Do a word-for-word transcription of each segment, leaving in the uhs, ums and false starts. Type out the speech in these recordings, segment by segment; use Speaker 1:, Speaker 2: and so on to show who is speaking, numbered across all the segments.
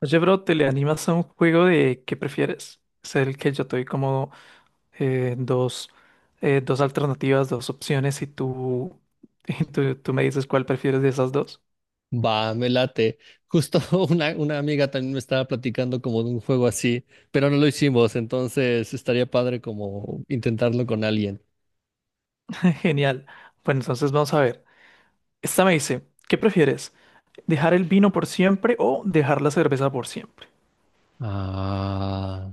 Speaker 1: Oye, bro, ¿te le animas a un juego de qué prefieres? Es el que yo te doy como eh, dos, eh, dos alternativas, dos opciones y tú, y tú, tú me dices cuál prefieres de esas dos.
Speaker 2: Va, me late. Justo una, una amiga también me estaba platicando como de un juego así, pero no lo hicimos, entonces estaría padre como intentarlo con alguien.
Speaker 1: Genial. Bueno, entonces vamos a ver. Esta me dice, ¿qué prefieres? ¿Dejar el vino por siempre o dejar la cerveza por siempre?
Speaker 2: Ah.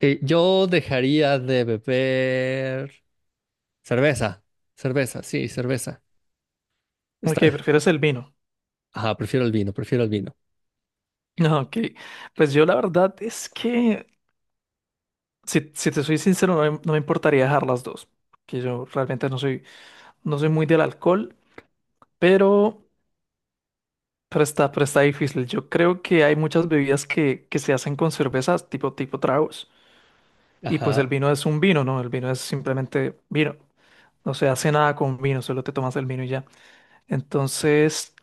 Speaker 2: Eh, yo dejaría de beber cerveza. Cerveza, sí, cerveza.
Speaker 1: Ok,
Speaker 2: Está.
Speaker 1: prefieres el vino.
Speaker 2: Ajá, prefiero el vino, prefiero el vino.
Speaker 1: No, ok, pues yo la verdad es que, si, si te soy sincero, no me, no me importaría dejar las dos, que yo realmente no soy, no soy muy del alcohol, pero, pero está, pero está difícil. Yo creo que hay muchas bebidas que, que se hacen con cervezas, tipo, tipo tragos. Y pues el
Speaker 2: Ajá.
Speaker 1: vino es un vino, ¿no? El vino es simplemente vino. No se hace nada con vino, solo te tomas el vino y ya. Entonces,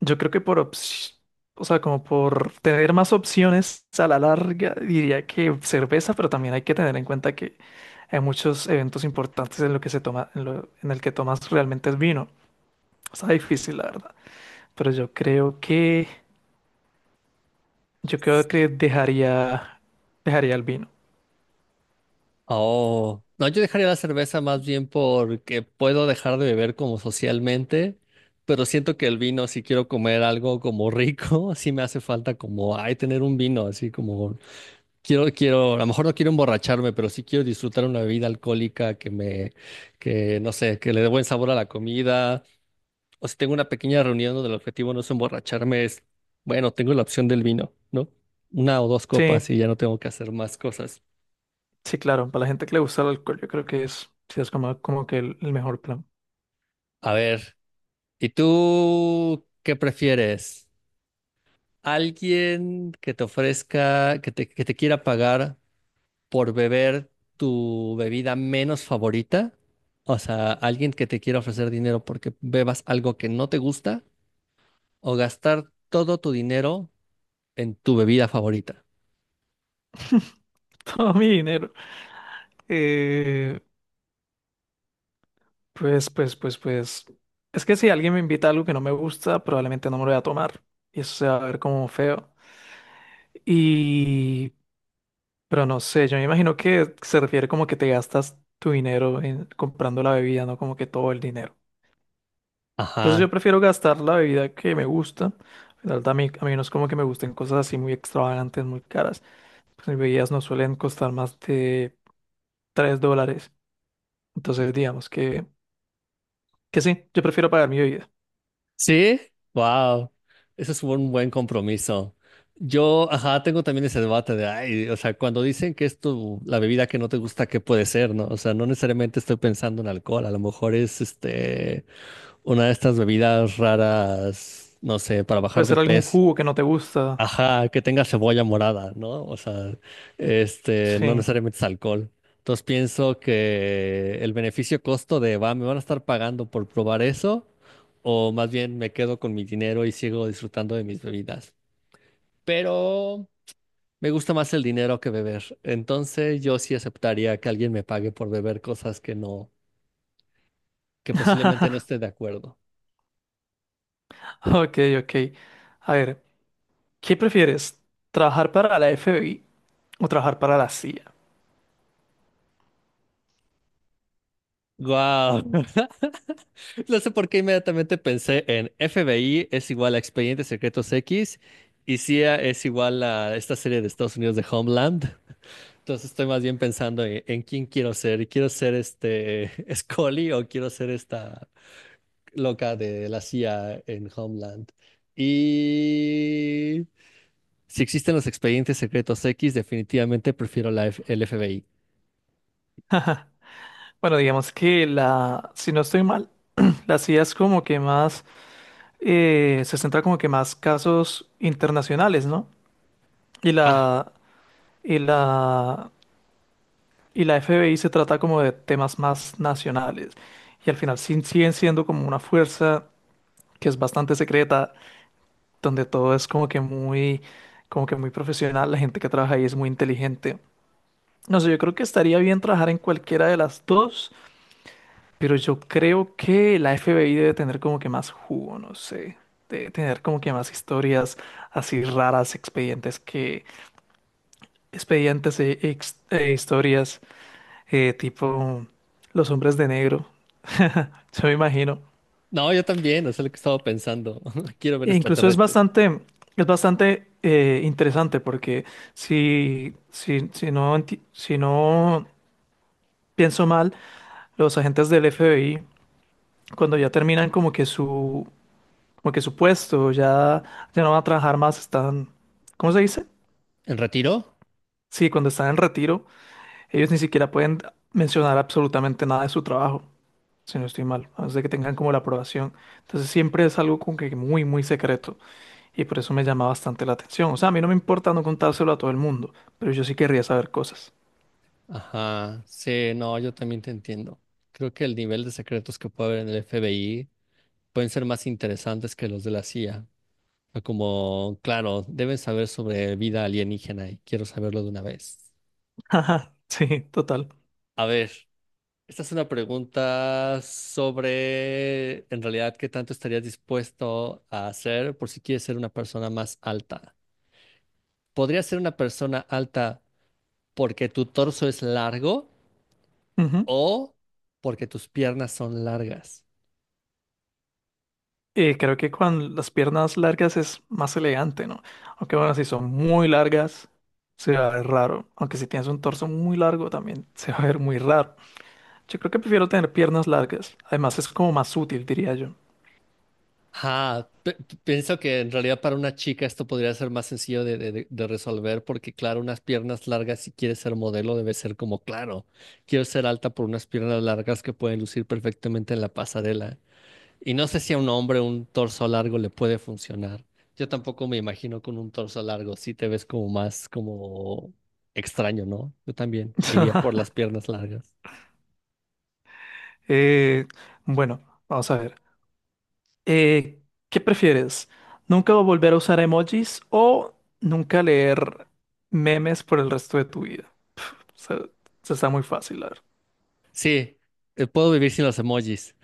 Speaker 1: yo creo que por, ops- o sea, como por tener más opciones a la larga, diría que cerveza, pero también hay que tener en cuenta que hay muchos eventos importantes en lo que se toma, en lo- en el que tomas realmente es vino. Está difícil, la verdad. Pero yo creo que Yo creo que dejaría, dejaría el vino.
Speaker 2: Oh, no, yo dejaría la cerveza más bien porque puedo dejar de beber como socialmente, pero siento que el vino, si quiero comer algo como rico, sí me hace falta como, ay, tener un vino, así como, quiero, quiero, a lo mejor no quiero emborracharme, pero sí quiero disfrutar una bebida alcohólica que me, que no sé, que le dé buen sabor a la comida, o si tengo una pequeña reunión donde el objetivo no es emborracharme, es, bueno, tengo la opción del vino, ¿no? Una o dos
Speaker 1: Sí,
Speaker 2: copas y ya no tengo que hacer más cosas.
Speaker 1: sí, claro. Para la gente que le gusta el alcohol, yo creo que es, sí, es como, como que el, el mejor plan.
Speaker 2: A ver. ¿Y tú qué prefieres? ¿Alguien que te ofrezca, que te, que te quiera pagar por beber tu bebida menos favorita? O sea, alguien que te quiera ofrecer dinero porque bebas algo que no te gusta o gastar todo tu dinero en tu bebida favorita.
Speaker 1: Todo mi dinero. Eh, pues, pues, pues, pues. Es que si alguien me invita a algo que no me gusta, probablemente no me lo voy a tomar. Y eso se va a ver como feo. Y, pero no sé, yo me imagino que se refiere como que te gastas tu dinero en comprando la bebida, no como que todo el dinero. Entonces
Speaker 2: Ajá.
Speaker 1: yo prefiero gastar la bebida que me gusta. La verdad, a mí, a mí no es como que me gusten cosas así muy extravagantes, muy caras. Pues mis bebidas no suelen costar más de tres dólares. Entonces digamos que, que sí, yo prefiero pagar mi bebida.
Speaker 2: Sí, wow, eso es un buen compromiso. Yo, ajá, tengo también ese debate de, ay, o sea, cuando dicen que es tu, la bebida que no te gusta, ¿qué puede ser, no? O sea, no necesariamente estoy pensando en alcohol, a lo mejor es, este, una de estas bebidas raras, no sé, para
Speaker 1: Puede
Speaker 2: bajar de
Speaker 1: ser algún
Speaker 2: peso.
Speaker 1: jugo que no te gusta.
Speaker 2: Ajá, que tenga cebolla morada, ¿no? O sea, este, no
Speaker 1: Sí.
Speaker 2: necesariamente es alcohol. Entonces pienso que el beneficio costo de va, me van a estar pagando por probar eso, o más bien me quedo con mi dinero y sigo disfrutando de mis bebidas. Pero me gusta más el dinero que beber. Entonces yo sí aceptaría que alguien me pague por beber cosas que no, que posiblemente no esté de acuerdo.
Speaker 1: Ok, ok. A ver, ¿qué prefieres? ¿Trabajar para la F B I o trabajar para la C I A?
Speaker 2: ¡Guau! No sé por qué inmediatamente pensé en F B I es igual a Expedientes Secretos X y C I A es igual a esta serie de Estados Unidos de Homeland. Entonces estoy más bien pensando en, en quién quiero ser. Y ¿Quiero ser este Scully o quiero ser esta loca de la C I A en Homeland? Y si existen los Expedientes Secretos X, definitivamente prefiero la F- el F B I.
Speaker 1: Bueno, digamos que la, si no estoy mal, la C I A es como que más eh, se centra como que más casos internacionales, ¿no? Y
Speaker 2: Ah,
Speaker 1: la, y la, y la F B I se trata como de temas más nacionales. Y al final sí- siguen siendo como una fuerza que es bastante secreta, donde todo es como que muy, como que muy profesional, la gente que trabaja ahí es muy inteligente. No sé, yo creo que estaría bien trabajar en cualquiera de las dos. Pero yo creo que la F B I debe tener como que más jugo, no sé. Debe tener como que más historias así raras, expedientes que... Expedientes e, ex- e historias eh, tipo los hombres de negro. Yo me imagino.
Speaker 2: no, yo también, eso es lo que estaba pensando. Quiero ver
Speaker 1: E incluso es
Speaker 2: extraterrestre.
Speaker 1: bastante, es bastante eh, interesante porque si, si, si no, enti- si no pienso mal, los agentes del F B I, cuando ya terminan como que su como que su puesto, ya, ya no van a trabajar más, están, ¿cómo se dice?
Speaker 2: ¿En retiro?
Speaker 1: Sí, cuando están en retiro, ellos ni siquiera pueden mencionar absolutamente nada de su trabajo, si no estoy mal, a menos de que tengan como la aprobación. Entonces siempre es algo como que muy, muy secreto y por eso me llama bastante la atención. O sea, a mí no me importa no contárselo a todo el mundo, pero yo sí querría saber cosas.
Speaker 2: Ajá, sí, no, yo también te entiendo. Creo que el nivel de secretos que puede haber en el F B I pueden ser más interesantes que los de la C I A. O como, claro, deben saber sobre vida alienígena y quiero saberlo de una vez.
Speaker 1: Ajá, sí, total.
Speaker 2: A ver, esta es una pregunta sobre, en realidad, qué tanto estarías dispuesto a hacer por si quieres ser una persona más alta. ¿Podrías ser una persona alta porque tu torso es largo o porque tus piernas son largas?
Speaker 1: Y creo que con las piernas largas es más elegante, ¿no? Aunque bueno, si son muy largas, se va a ver raro. Aunque si tienes un torso muy largo, también se va a ver muy raro. Yo creo que prefiero tener piernas largas. Además, es como más útil, diría yo.
Speaker 2: Ajá, pe- pe- pienso que en realidad para una chica esto podría ser más sencillo de, de- de- de resolver porque claro, unas piernas largas si quieres ser modelo debe ser como claro, quiero ser alta por unas piernas largas que pueden lucir perfectamente en la pasarela. Y no sé si a un hombre un torso largo le puede funcionar. Yo tampoco me imagino con un torso largo, si te ves como más como extraño, ¿no? Yo también me iría por las piernas largas.
Speaker 1: Eh, bueno, vamos a ver. Eh, ¿qué prefieres? ¿Nunca volver a usar emojis o nunca leer memes por el resto de tu vida? O sea, eso está muy fácil, la verdad.
Speaker 2: Sí, eh, puedo vivir sin los emojis.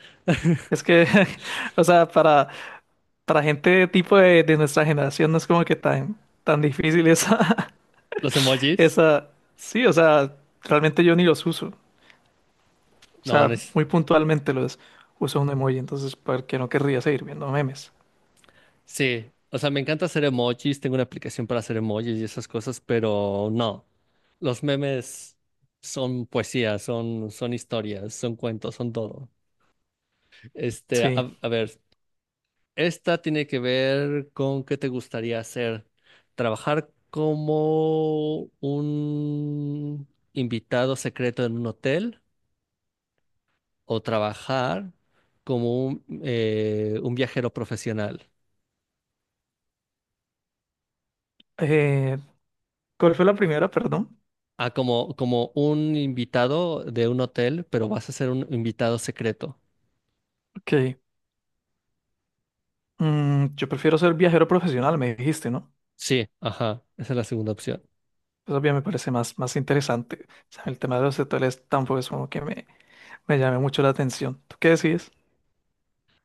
Speaker 1: Es que, o sea, para... Para gente tipo de, de nuestra generación no es como que tan, tan difícil esa,
Speaker 2: ¿Los emojis?
Speaker 1: esa... Sí, o sea, realmente yo ni los uso. O
Speaker 2: No, no
Speaker 1: sea,
Speaker 2: es.
Speaker 1: muy puntualmente los uso un emoji, entonces, ¿por qué no querría seguir viendo memes?
Speaker 2: Sí, o sea, me encanta hacer emojis, tengo una aplicación para hacer emojis y esas cosas, pero no, los memes son poesía, son, son historias, son cuentos, son todo. Este, a,
Speaker 1: Sí.
Speaker 2: a ver, esta tiene que ver con qué te gustaría hacer, trabajar como un invitado secreto en un hotel o trabajar como un, eh, un viajero profesional.
Speaker 1: Eh, ¿cuál fue la primera? Perdón.
Speaker 2: Ah, como, como un invitado de un hotel, pero vas a ser un invitado secreto.
Speaker 1: Ok. Mm, yo prefiero ser viajero profesional, me dijiste, ¿no?
Speaker 2: Sí, ajá, esa es la segunda opción.
Speaker 1: Eso bien me parece más, más interesante. O sea, el tema de los hoteles tampoco es como que me, me llame mucho la atención. ¿Tú qué decides?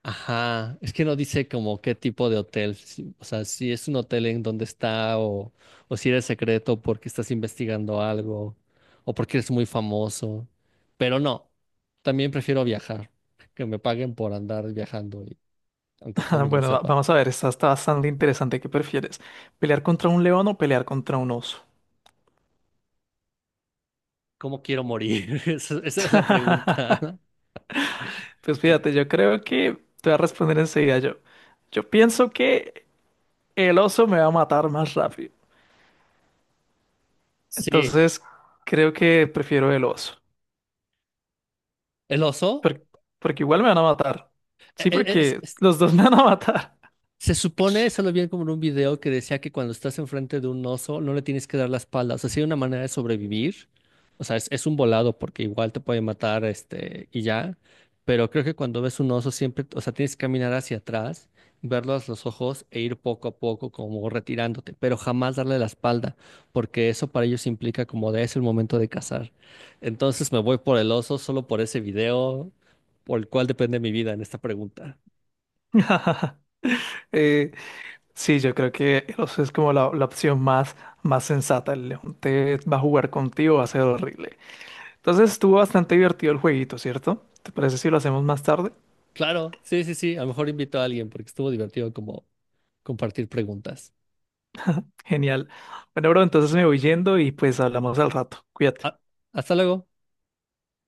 Speaker 2: Ajá, es que no dice como qué tipo de hotel, si- o sea, si es un hotel en donde está o, o si eres secreto porque estás investigando algo o porque eres muy famoso. Pero no, también prefiero viajar, que me paguen por andar viajando y aunque todo el mundo lo
Speaker 1: Bueno, va-
Speaker 2: sepa.
Speaker 1: vamos a ver, esta está bastante interesante. ¿Qué prefieres? ¿Pelear contra un león o pelear contra un oso?
Speaker 2: ¿Cómo quiero morir? Esa, esa es la pregunta.
Speaker 1: Pues fíjate, yo creo que te voy a responder enseguida yo. Yo pienso que el oso me va a matar más rápido.
Speaker 2: Sí,
Speaker 1: Entonces, creo que prefiero el oso.
Speaker 2: el oso.
Speaker 1: Por- porque igual me van a matar.
Speaker 2: E-
Speaker 1: Sí,
Speaker 2: e- Es,
Speaker 1: porque los dos me van a matar.
Speaker 2: se supone, eso lo vi como en un video que decía que cuando estás enfrente de un oso no le tienes que dar la espalda. O sea, sí hay una manera de sobrevivir. O sea, es, es un volado porque igual te puede matar, este, y ya. Pero creo que cuando ves un oso siempre, o sea, tienes que caminar hacia atrás, verlos los ojos e ir poco a poco como retirándote, pero jamás darle la espalda, porque eso para ellos implica como de es el momento de cazar. Entonces me voy por el oso solo por ese video, por el cual depende mi vida en esta pregunta.
Speaker 1: Eh, sí, yo creo que el oso es como la, la opción más, más sensata. El león te va a jugar contigo, va a ser horrible. Entonces estuvo bastante divertido el jueguito, ¿cierto? ¿Te parece si lo hacemos más tarde?
Speaker 2: Claro, sí, sí, sí. A lo mejor invito a alguien porque estuvo divertido como compartir preguntas.
Speaker 1: Genial. Bueno, bro, entonces me voy yendo y pues hablamos al rato. Cuídate.
Speaker 2: Ah, hasta luego.